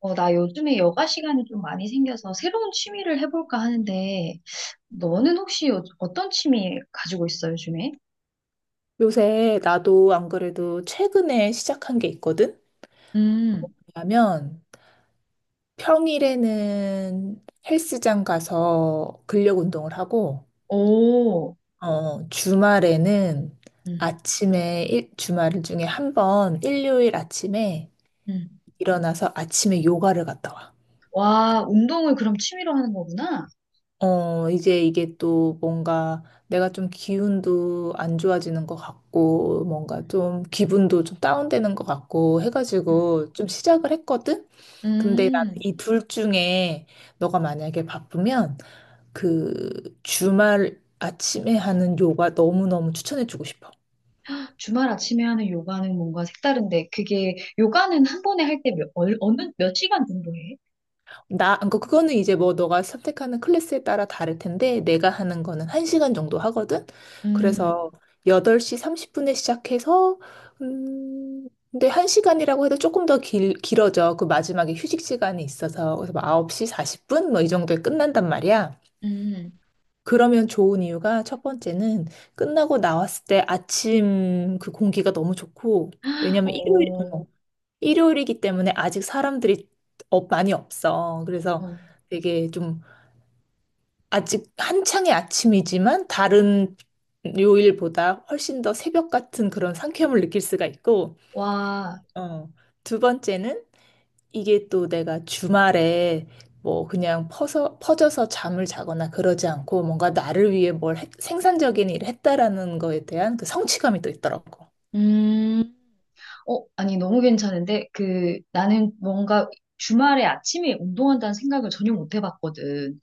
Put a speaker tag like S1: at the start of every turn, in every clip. S1: 어, 나 요즘에 여가 시간이 좀 많이 생겨서 새로운 취미를 해볼까 하는데, 너는 혹시 어떤 취미 가지고 있어, 요즘에?
S2: 요새 나도 안 그래도 최근에 시작한 게 있거든?
S1: 음,
S2: 왜냐면 평일에는 헬스장 가서 근력 운동을 하고,
S1: 오,
S2: 주말에는
S1: 음,
S2: 아침에, 주말 중에 한 번, 일요일 아침에
S1: 음,
S2: 일어나서 아침에 요가를 갔다 와.
S1: 와, 운동을 그럼 취미로 하는 거구나?
S2: 이제 이게 또 뭔가 내가 좀 기운도 안 좋아지는 것 같고, 뭔가
S1: 음,
S2: 좀 기분도 좀 다운되는 것 같고
S1: 음.
S2: 해가지고 좀 시작을 했거든? 근데 나는
S1: 음.
S2: 이 둘 중에 너가 만약에 바쁘면 그 주말 아침에 하는 요가 너무너무 추천해주고 싶어.
S1: 주말 아침에 하는 요가는 뭔가 색다른데, 그게, 요가는 한 번에 할 때 몇, 어느, 몇 시간 정도 해?
S2: 그거는 이제 뭐 너가 선택하는 클래스에 따라 다를 텐데, 내가 하는 거는 1시간 정도 하거든?
S1: 음,
S2: 그래서 8시 30분에 시작해서, 근데 1시간이라고 해도 조금 더 길어져. 그 마지막에 휴식 시간이 있어서. 그래서 막 9시 40분? 뭐 이 정도에 끝난단 말이야.
S1: 음.
S2: 그러면 좋은 이유가 첫 번째는 끝나고 나왔을 때 아침 그 공기가 너무 좋고, 왜냐면
S1: 어,
S2: 일요일이기 때문에 아직 사람들이 업 많이 없어. 그래서
S1: 어,
S2: 되게 좀 아직 한창의 아침이지만 다른 요일보다 훨씬 더 새벽 같은 그런 상쾌함을 느낄 수가 있고,
S1: 와,
S2: 어, 두 번째는 이게 또 내가 주말에 뭐 그냥 퍼져서 잠을 자거나 그러지 않고 뭔가 나를 위해 생산적인 일을 했다라는 거에 대한 그 성취감이 또 있더라고.
S1: 음. 어, 아니, 너무 괜찮은데, 그, 나는 뭔가 주말에 아침에 운동한다는 생각을 전혀 못 해봤거든.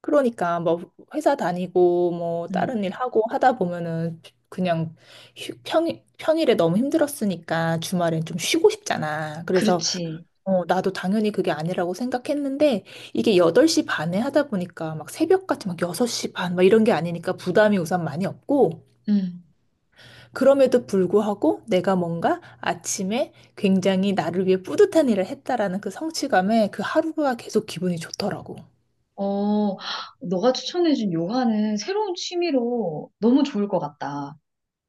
S2: 그러니까 뭐 회사 다니고 뭐
S1: 음,
S2: 다른 일 하고 하다 보면은 그냥 휴- 평, 평일에 너무 힘들었으니까 주말엔 좀 쉬고 싶잖아. 그래서
S1: 그렇지.
S2: 나도 당연히 그게 아니라고 생각했는데 이게 8시 반에 하다 보니까 막 새벽같이 막 6시 반 막 이런 게 아니니까 부담이 우선 많이 없고
S1: 음.
S2: 그럼에도 불구하고 내가 뭔가 아침에 굉장히 나를 위해 뿌듯한 일을 했다라는 그 성취감에 그 하루가 계속 기분이 좋더라고.
S1: 어, 너가 추천해준 요가는 새로운 취미로 너무 좋을 것 같다.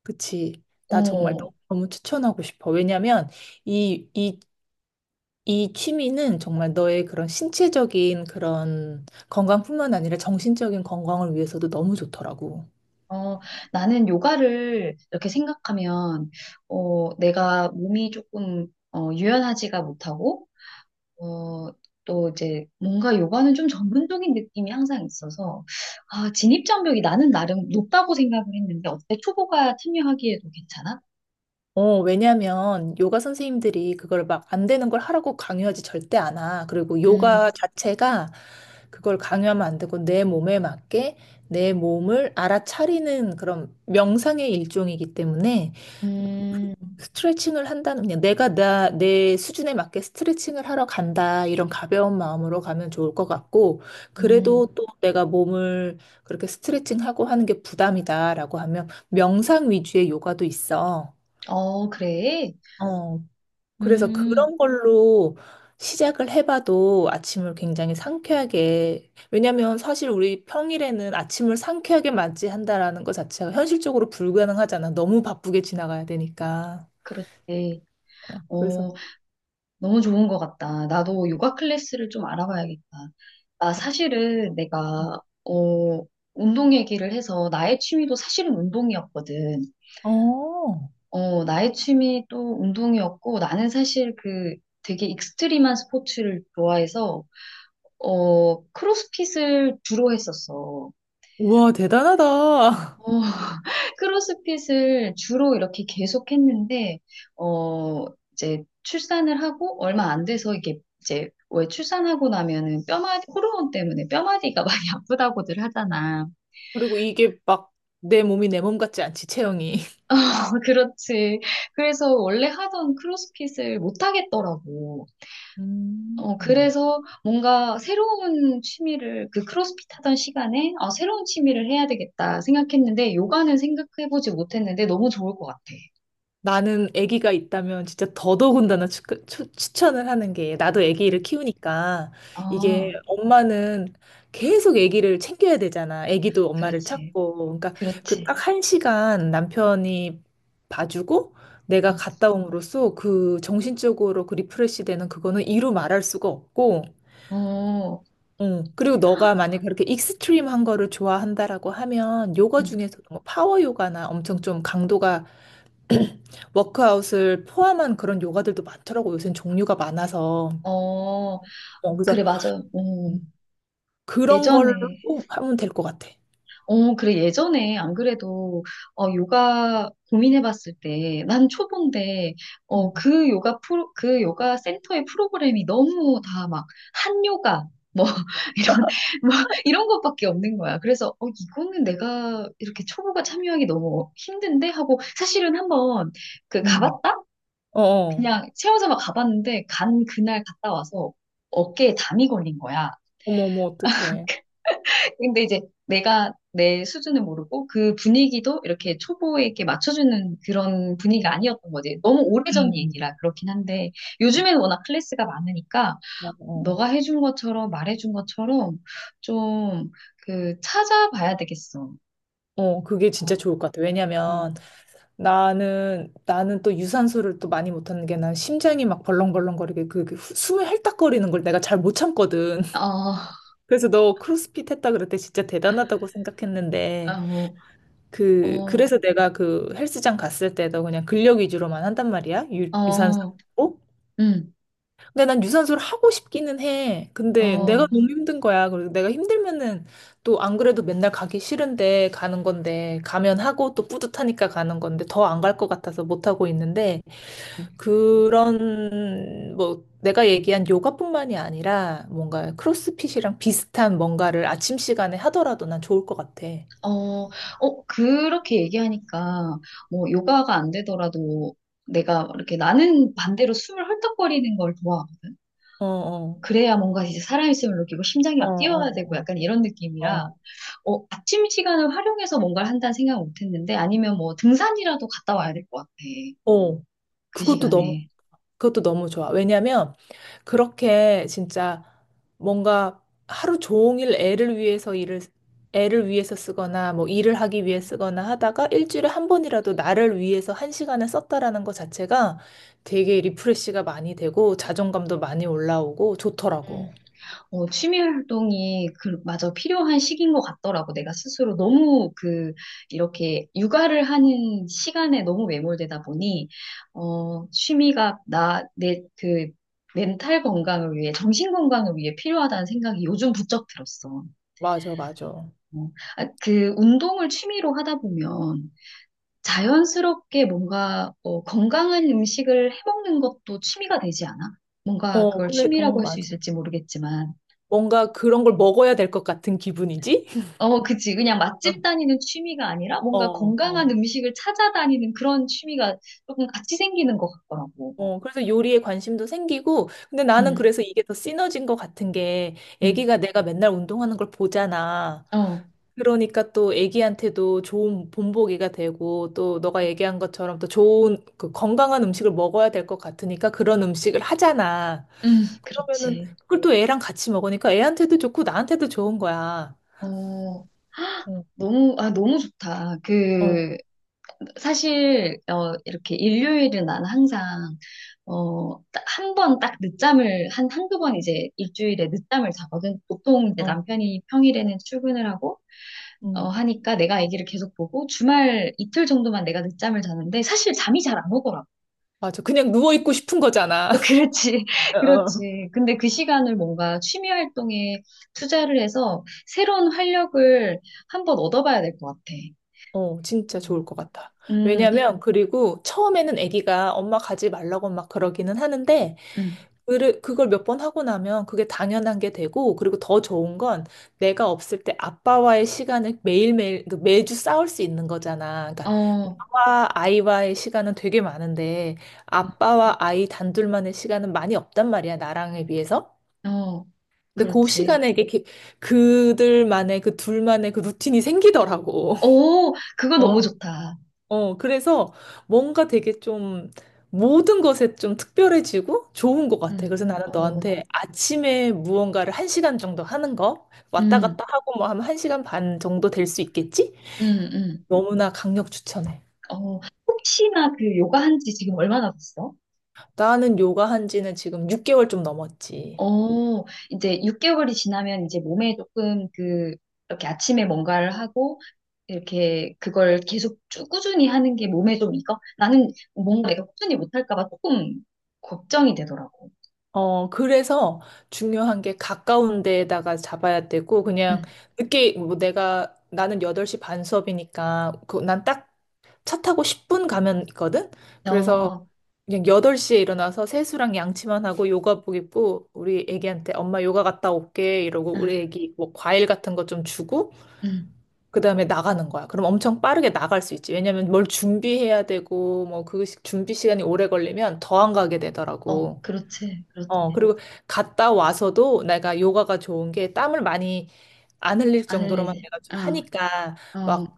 S2: 그치. 나 정말
S1: 어,
S2: 너무 추천하고 싶어. 왜냐면 이, 이, 이 취미는 정말 너의 그런 신체적인 그런 건강뿐만 아니라 정신적인 건강을 위해서도 너무 좋더라고.
S1: 어, 나는 요가를 이렇게 생각하면, 어, 내가 몸이 조금, 어, 유연하지가 못하고, 어, 또 이제 뭔가 요가는 좀 전문적인 느낌이 항상 있어서, 아, 진입장벽이 나는 나름 높다고 생각을 했는데, 어때? 초보가 참여하기에도 괜찮아?
S2: 왜냐면 요가 선생님들이 그걸 막 안 되는 걸 하라고 강요하지 절대 않아. 그리고
S1: 음,
S2: 요가 자체가 그걸 강요하면 안 되고 내 몸에 맞게 내 몸을 알아차리는 그런 명상의 일종이기 때문에
S1: 음,
S2: 스트레칭을 한다는 그냥 내가 내 수준에 맞게 스트레칭을 하러 간다 이런 가벼운 마음으로 가면 좋을 것 같고
S1: 음,
S2: 그래도 또 내가 몸을 그렇게 스트레칭하고 하는 게 부담이다라고 하면 명상 위주의 요가도 있어.
S1: 어, 그래.
S2: 어, 그래서
S1: 음.
S2: 그런 걸로 시작을 해봐도 아침을 굉장히 상쾌하게 왜냐면 사실 우리 평일에는 아침을 상쾌하게 맞이한다라는 것 자체가 현실적으로 불가능하잖아. 너무 바쁘게 지나가야 되니까.
S1: 그렇지.
S2: 그래서
S1: 어, 너무 좋은 것 같다. 나도 요가 클래스를 좀 알아봐야겠다. 나 사실은 내가, 어, 운동 얘기를 해서 나의 취미도 사실은 운동이었거든.
S2: 어.
S1: 어, 나의 취미 또 운동이었고, 나는 사실 그 되게 익스트림한 스포츠를 좋아해서, 어, 크로스핏을 주로 했었어.
S2: 우와,
S1: 어,
S2: 대단하다.
S1: 크로스핏을 주로 이렇게 계속 했는데, 어, 이제 출산을 하고 얼마 안 돼서 이게 이제 왜 출산하고 나면은 뼈마디, 호르몬 때문에 뼈마디가 많이 아프다고들 하잖아.
S2: 그리고 이게 막 내 몸이 내 몸 같지 않지, 체형이.
S1: 그렇지. 그래서 원래 하던 크로스핏을 못 하겠더라고.
S2: 음.
S1: 어, 그래서 뭔가 새로운 취미를, 그 크로스핏 하던 시간에, 아, 새로운 취미를 해야 되겠다 생각했는데, 요가는 생각해보지 못했는데, 너무 좋을 것 같아.
S2: 나는 아기가 있다면 진짜 더더군다나 천을 하는 게 나도 아기를
S1: 응.
S2: 키우니까
S1: 아,
S2: 이게 엄마는 계속 아기를 챙겨야 되잖아. 아기도 엄마를
S1: 그렇지.
S2: 찾고. 그러니까 그
S1: 그렇지.
S2: 딱 1시간 남편이 봐주고 내가
S1: 응.
S2: 갔다 옴으로써 그 정신적으로 그 리프레시 되는 그거는 이루 말할 수가 없고
S1: 어,
S2: 그리고 너가 만약에 그렇게 익스트림한 거를 좋아한다라고 하면 요가
S1: 응.
S2: 중에서도 뭐 파워 요가나 엄청 좀 강도가 워크아웃을 포함한 그런 요가들도 많더라고. 요새는 종류가 많아서.
S1: 어,
S2: 어, 그래서
S1: 그래, 맞아요.
S2: 음, 그런 걸로
S1: 예전에,
S2: 하면 될 것 같아.
S1: 어, 그래. 예전에 안 그래도, 어, 요가 고민해봤을 때, 난 초보인데,
S2: 음.
S1: 어, 그 그 요가 센터의 프로그램이 너무 다 막, 한 요가, 뭐, 이런, 뭐, 이런 것밖에 없는 거야. 그래서, 어, 이거는 내가 이렇게 초보가 참여하기 너무 힘든데? 하고, 사실은 한번, 그,
S2: 음.
S1: 가봤다?
S2: 어, 어.
S1: 그냥 채워서 막 가봤는데, 간 그날 갔다 와서 어깨에 담이 걸린 거야.
S2: 어머, 어머, 어떡해.
S1: 근데 이제 내가 내 수준을 모르고 그 분위기도 이렇게 초보에게 맞춰주는 그런 분위기가 아니었던 거지. 너무 오래전
S2: 음.
S1: 얘기라 그렇긴 한데 요즘에는 워낙 클래스가 많으니까
S2: 어, 어.
S1: 너가 해준 것처럼 말해준 것처럼 좀 그 찾아봐야 되겠어.
S2: 어, 그게 진짜
S1: 어,
S2: 좋을 것 같아. 왜냐면
S1: 음.
S2: 나는 또 유산소를 또 많이 못하는 게 난 심장이 막 벌렁벌렁거리게 숨을 헐떡거리는 걸 내가 잘 못 참거든.
S1: 어,
S2: 그래서 너 크로스핏 했다 그럴 때 진짜 대단하다고 생각했는데
S1: 어,
S2: 그
S1: 어,
S2: 그래서 내가 그 헬스장 갔을 때도 그냥 근력 위주로만 한단 말이야. 유산소.
S1: 어,
S2: 하고.
S1: 음,
S2: 근데 난 유산소를 하고 싶기는 해. 근데 내가
S1: 어.
S2: 너무 힘든 거야. 그리고 내가 힘들면은 또 안 그래도 맨날 가기 싫은데 가는 건데 가면 하고 또 뿌듯하니까 가는 건데 더 안 갈 것 같아서 못 하고 있는데 그런 뭐 내가 얘기한 요가뿐만이 아니라 뭔가 크로스핏이랑 비슷한 뭔가를 아침 시간에 하더라도 난 좋을 것 같아.
S1: 어, 어, 그렇게 얘기하니까, 뭐, 요가가 안 되더라도 내가 이렇게 나는 반대로 숨을 헐떡거리는 걸 좋아하거든.
S2: 어, 어,
S1: 그래야 뭔가 이제 살아있음을 느끼고 심장이
S2: 어,
S1: 막 뛰어야 되고
S2: 어,
S1: 약간 이런
S2: 어,
S1: 느낌이라,
S2: 어.
S1: 어, 아침 시간을 활용해서 뭔가를 한다는 생각을 못 했는데, 아니면 뭐 등산이라도 갔다 와야 될 것 같아.
S2: 어,
S1: 그
S2: 그것도 너무
S1: 시간에.
S2: 그것도 너무 좋아. 왜냐면 그렇게 진짜 뭔가 하루 종일 애를 위해서 일을 애를 위해서 쓰거나 뭐 일을 하기 위해 쓰거나 하다가 일주일에 한 번이라도 나를 위해서 1시간을 썼다라는 것 자체가 되게 리프레시가 많이 되고 자존감도 많이 올라오고 좋더라고.
S1: 어, 취미 활동이 그, 맞아, 필요한 시기인 것 같더라고. 내가 스스로 너무 그, 이렇게 육아를 하는 시간에 너무 매몰되다 보니, 어, 취미가 나, 내, 그, 멘탈 건강을 위해, 정신 건강을 위해 필요하다는 생각이 요즘 부쩍 들었어.
S2: 맞아, 맞아.
S1: 어, 아, 그, 운동을 취미로 하다 보면, 자연스럽게 뭔가, 어, 건강한 음식을 해먹는 것도 취미가 되지 않아? 뭔가
S2: 어,
S1: 그걸
S2: 그래, 어,
S1: 취미라고 할 수
S2: 맞아.
S1: 있을지 모르겠지만,
S2: 뭔가 그런 걸 먹어야 될 것 같은 기분이지?
S1: 어, 그치. 그냥 맛집 다니는 취미가 아니라
S2: 어,
S1: 뭔가 건강한
S2: 어.
S1: 음식을 찾아다니는 그런 취미가 조금 같이 생기는 것 같더라고.
S2: 그래서 요리에 관심도 생기고, 근데 나는
S1: 응,
S2: 그래서 이게 더 시너지인 것 같은 게,
S1: 응,
S2: 애기가 내가 맨날 운동하는 걸 보잖아.
S1: 어,
S2: 그러니까 또 애기한테도 좋은 본보기가 되고, 또 너가 얘기한 것처럼 또 좋은, 그 건강한 음식을 먹어야 될 것 같으니까 그런 음식을 하잖아.
S1: 응,
S2: 그러면은
S1: 그렇지.
S2: 그걸 또 애랑 같이 먹으니까 애한테도 좋고 나한테도 좋은 거야.
S1: 어, 아,
S2: 어,
S1: 너무, 아, 너무 좋다.
S2: 어,
S1: 그, 사실, 어, 이렇게 일요일은 난 항상, 어, 한 번 딱 늦잠을, 한두 번 이제 일주일에 늦잠을 자거든. 보통 이제
S2: 어.
S1: 남편이 평일에는 출근을 하고,
S2: 응.
S1: 어, 하니까 내가 아기를 계속 보고 주말 이틀 정도만 내가 늦잠을 자는데 사실 잠이 잘 안 오더라고.
S2: 맞아. 그냥 누워있고 싶은 거잖아.
S1: 어, 그렇지,
S2: 어.
S1: 그렇지. 근데 그 시간을 뭔가 취미 활동에 투자를 해서 새로운 활력을 한번 얻어봐야 될 것 같아.
S2: 진짜 좋을
S1: 음,
S2: 것 같아.
S1: 음,
S2: 왜냐면, 그리고 처음에는 아기가 엄마 가지 말라고 막 그러기는 하는데,
S1: 음.
S2: 그걸 몇 번 하고 나면 그게 당연한 게 되고, 그리고 더 좋은 건 내가 없을 때 아빠와의 시간을 매일매일, 그 매주 싸울 수 있는 거잖아. 그러니까
S1: 어,
S2: 아빠와 아이와의 시간은 되게 많은데, 아빠와 아이 단둘만의 시간은 많이 없단 말이야, 나랑에 비해서.
S1: 어,
S2: 근데 그
S1: 그렇지.
S2: 시간에 이게 그들만의 그 둘만의 그 루틴이 생기더라고.
S1: 오, 그거 너무
S2: 어.
S1: 좋다.
S2: 그래서 뭔가 되게 좀 모든 것에 좀 특별해지고 좋은 것 같아. 그래서 나는
S1: 어,
S2: 너한테 아침에 무언가를 1시간 정도 하는 거 왔다
S1: 음,
S2: 갔다 하고 뭐 하면 1시간 반 정도 될 수 있겠지?
S1: 음, 음.
S2: 너무나 강력 추천해.
S1: 어, 혹시나 그 요가 한지 지금 얼마나 됐어?
S2: 나는 요가 한 지는 지금 6개월 좀 넘었지.
S1: 어, 이제 6개월이 지나면 이제 몸에 조금 그, 이렇게 아침에 뭔가를 하고, 이렇게 그걸 계속 쭉 꾸준히 하는 게 몸에 좀 익어? 나는 뭔가 내가 꾸준히 못할까 봐 조금 걱정이 되더라고.
S2: 그래서 중요한 게 가까운 데에다가 잡아야 되고, 그냥
S1: 응,
S2: 늦게, 나는 8시 반 수업이니까, 난딱 차 타고 10분 가면 있거든? 어. 그래서
S1: 어,
S2: 그냥 8시에 일어나서 세수랑 양치만 하고 요가복 입고 우리 애기한테 엄마 요가 갔다 올게 이러고 우리
S1: 아,
S2: 애기 뭐 과일 같은 거 좀 주고
S1: 응,
S2: 그다음에 나가는 거야. 그럼 엄청 빠르게 나갈 수 있지. 왜냐면 뭘 준비해야 되고 뭐 그 준비 시간이 오래 걸리면 더 안 가게
S1: 어,
S2: 되더라고.
S1: 그렇지, 그렇지.
S2: 그리고 갔다 와서도 내가 요가가 좋은 게 땀을 많이 안 흘릴
S1: 안
S2: 정도로만
S1: 흘리지.
S2: 내가 좀
S1: 어,
S2: 하니까
S1: 어,
S2: 막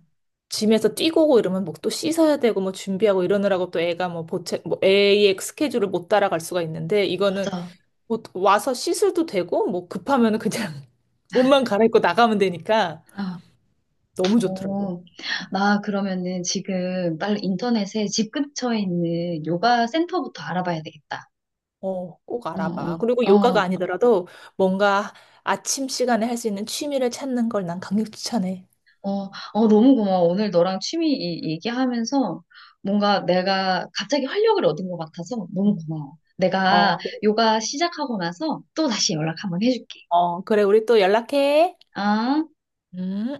S2: 짐에서 뛰고 오고 이러면 뭐 또 씻어야 되고 뭐 준비하고 이러느라고 또 애가 뭐 보채 뭐 애의 스케줄을 못 따라갈 수가 있는데 이거는
S1: 맞아.
S2: 뭐 와서 씻어도 되고 뭐 급하면은 그냥 옷만 갈아입고 나가면 되니까
S1: 어,
S2: 너무 좋더라고.
S1: 어. 나 그러면은 지금 빨리 인터넷에 집 근처에 있는 요가 센터부터 알아봐야 되겠다.
S2: 어, 꼭
S1: 어,
S2: 알아봐. 그리고
S1: 어,
S2: 요가가
S1: 어.
S2: 아니더라도 뭔가 아침 시간에 할 수 있는 취미를 찾는 걸 난 강력 추천해.
S1: 어, 어, 너무 고마워. 오늘 너랑 취미 얘기하면서 뭔가 내가 갑자기 활력을 얻은 것 같아서 너무
S2: 음.
S1: 고마워. 내가
S2: 어,
S1: 요가 시작하고 나서 또 다시 연락 한번 해줄게.
S2: 어, 그래, 우리 또 연락해.
S1: 아.
S2: 음.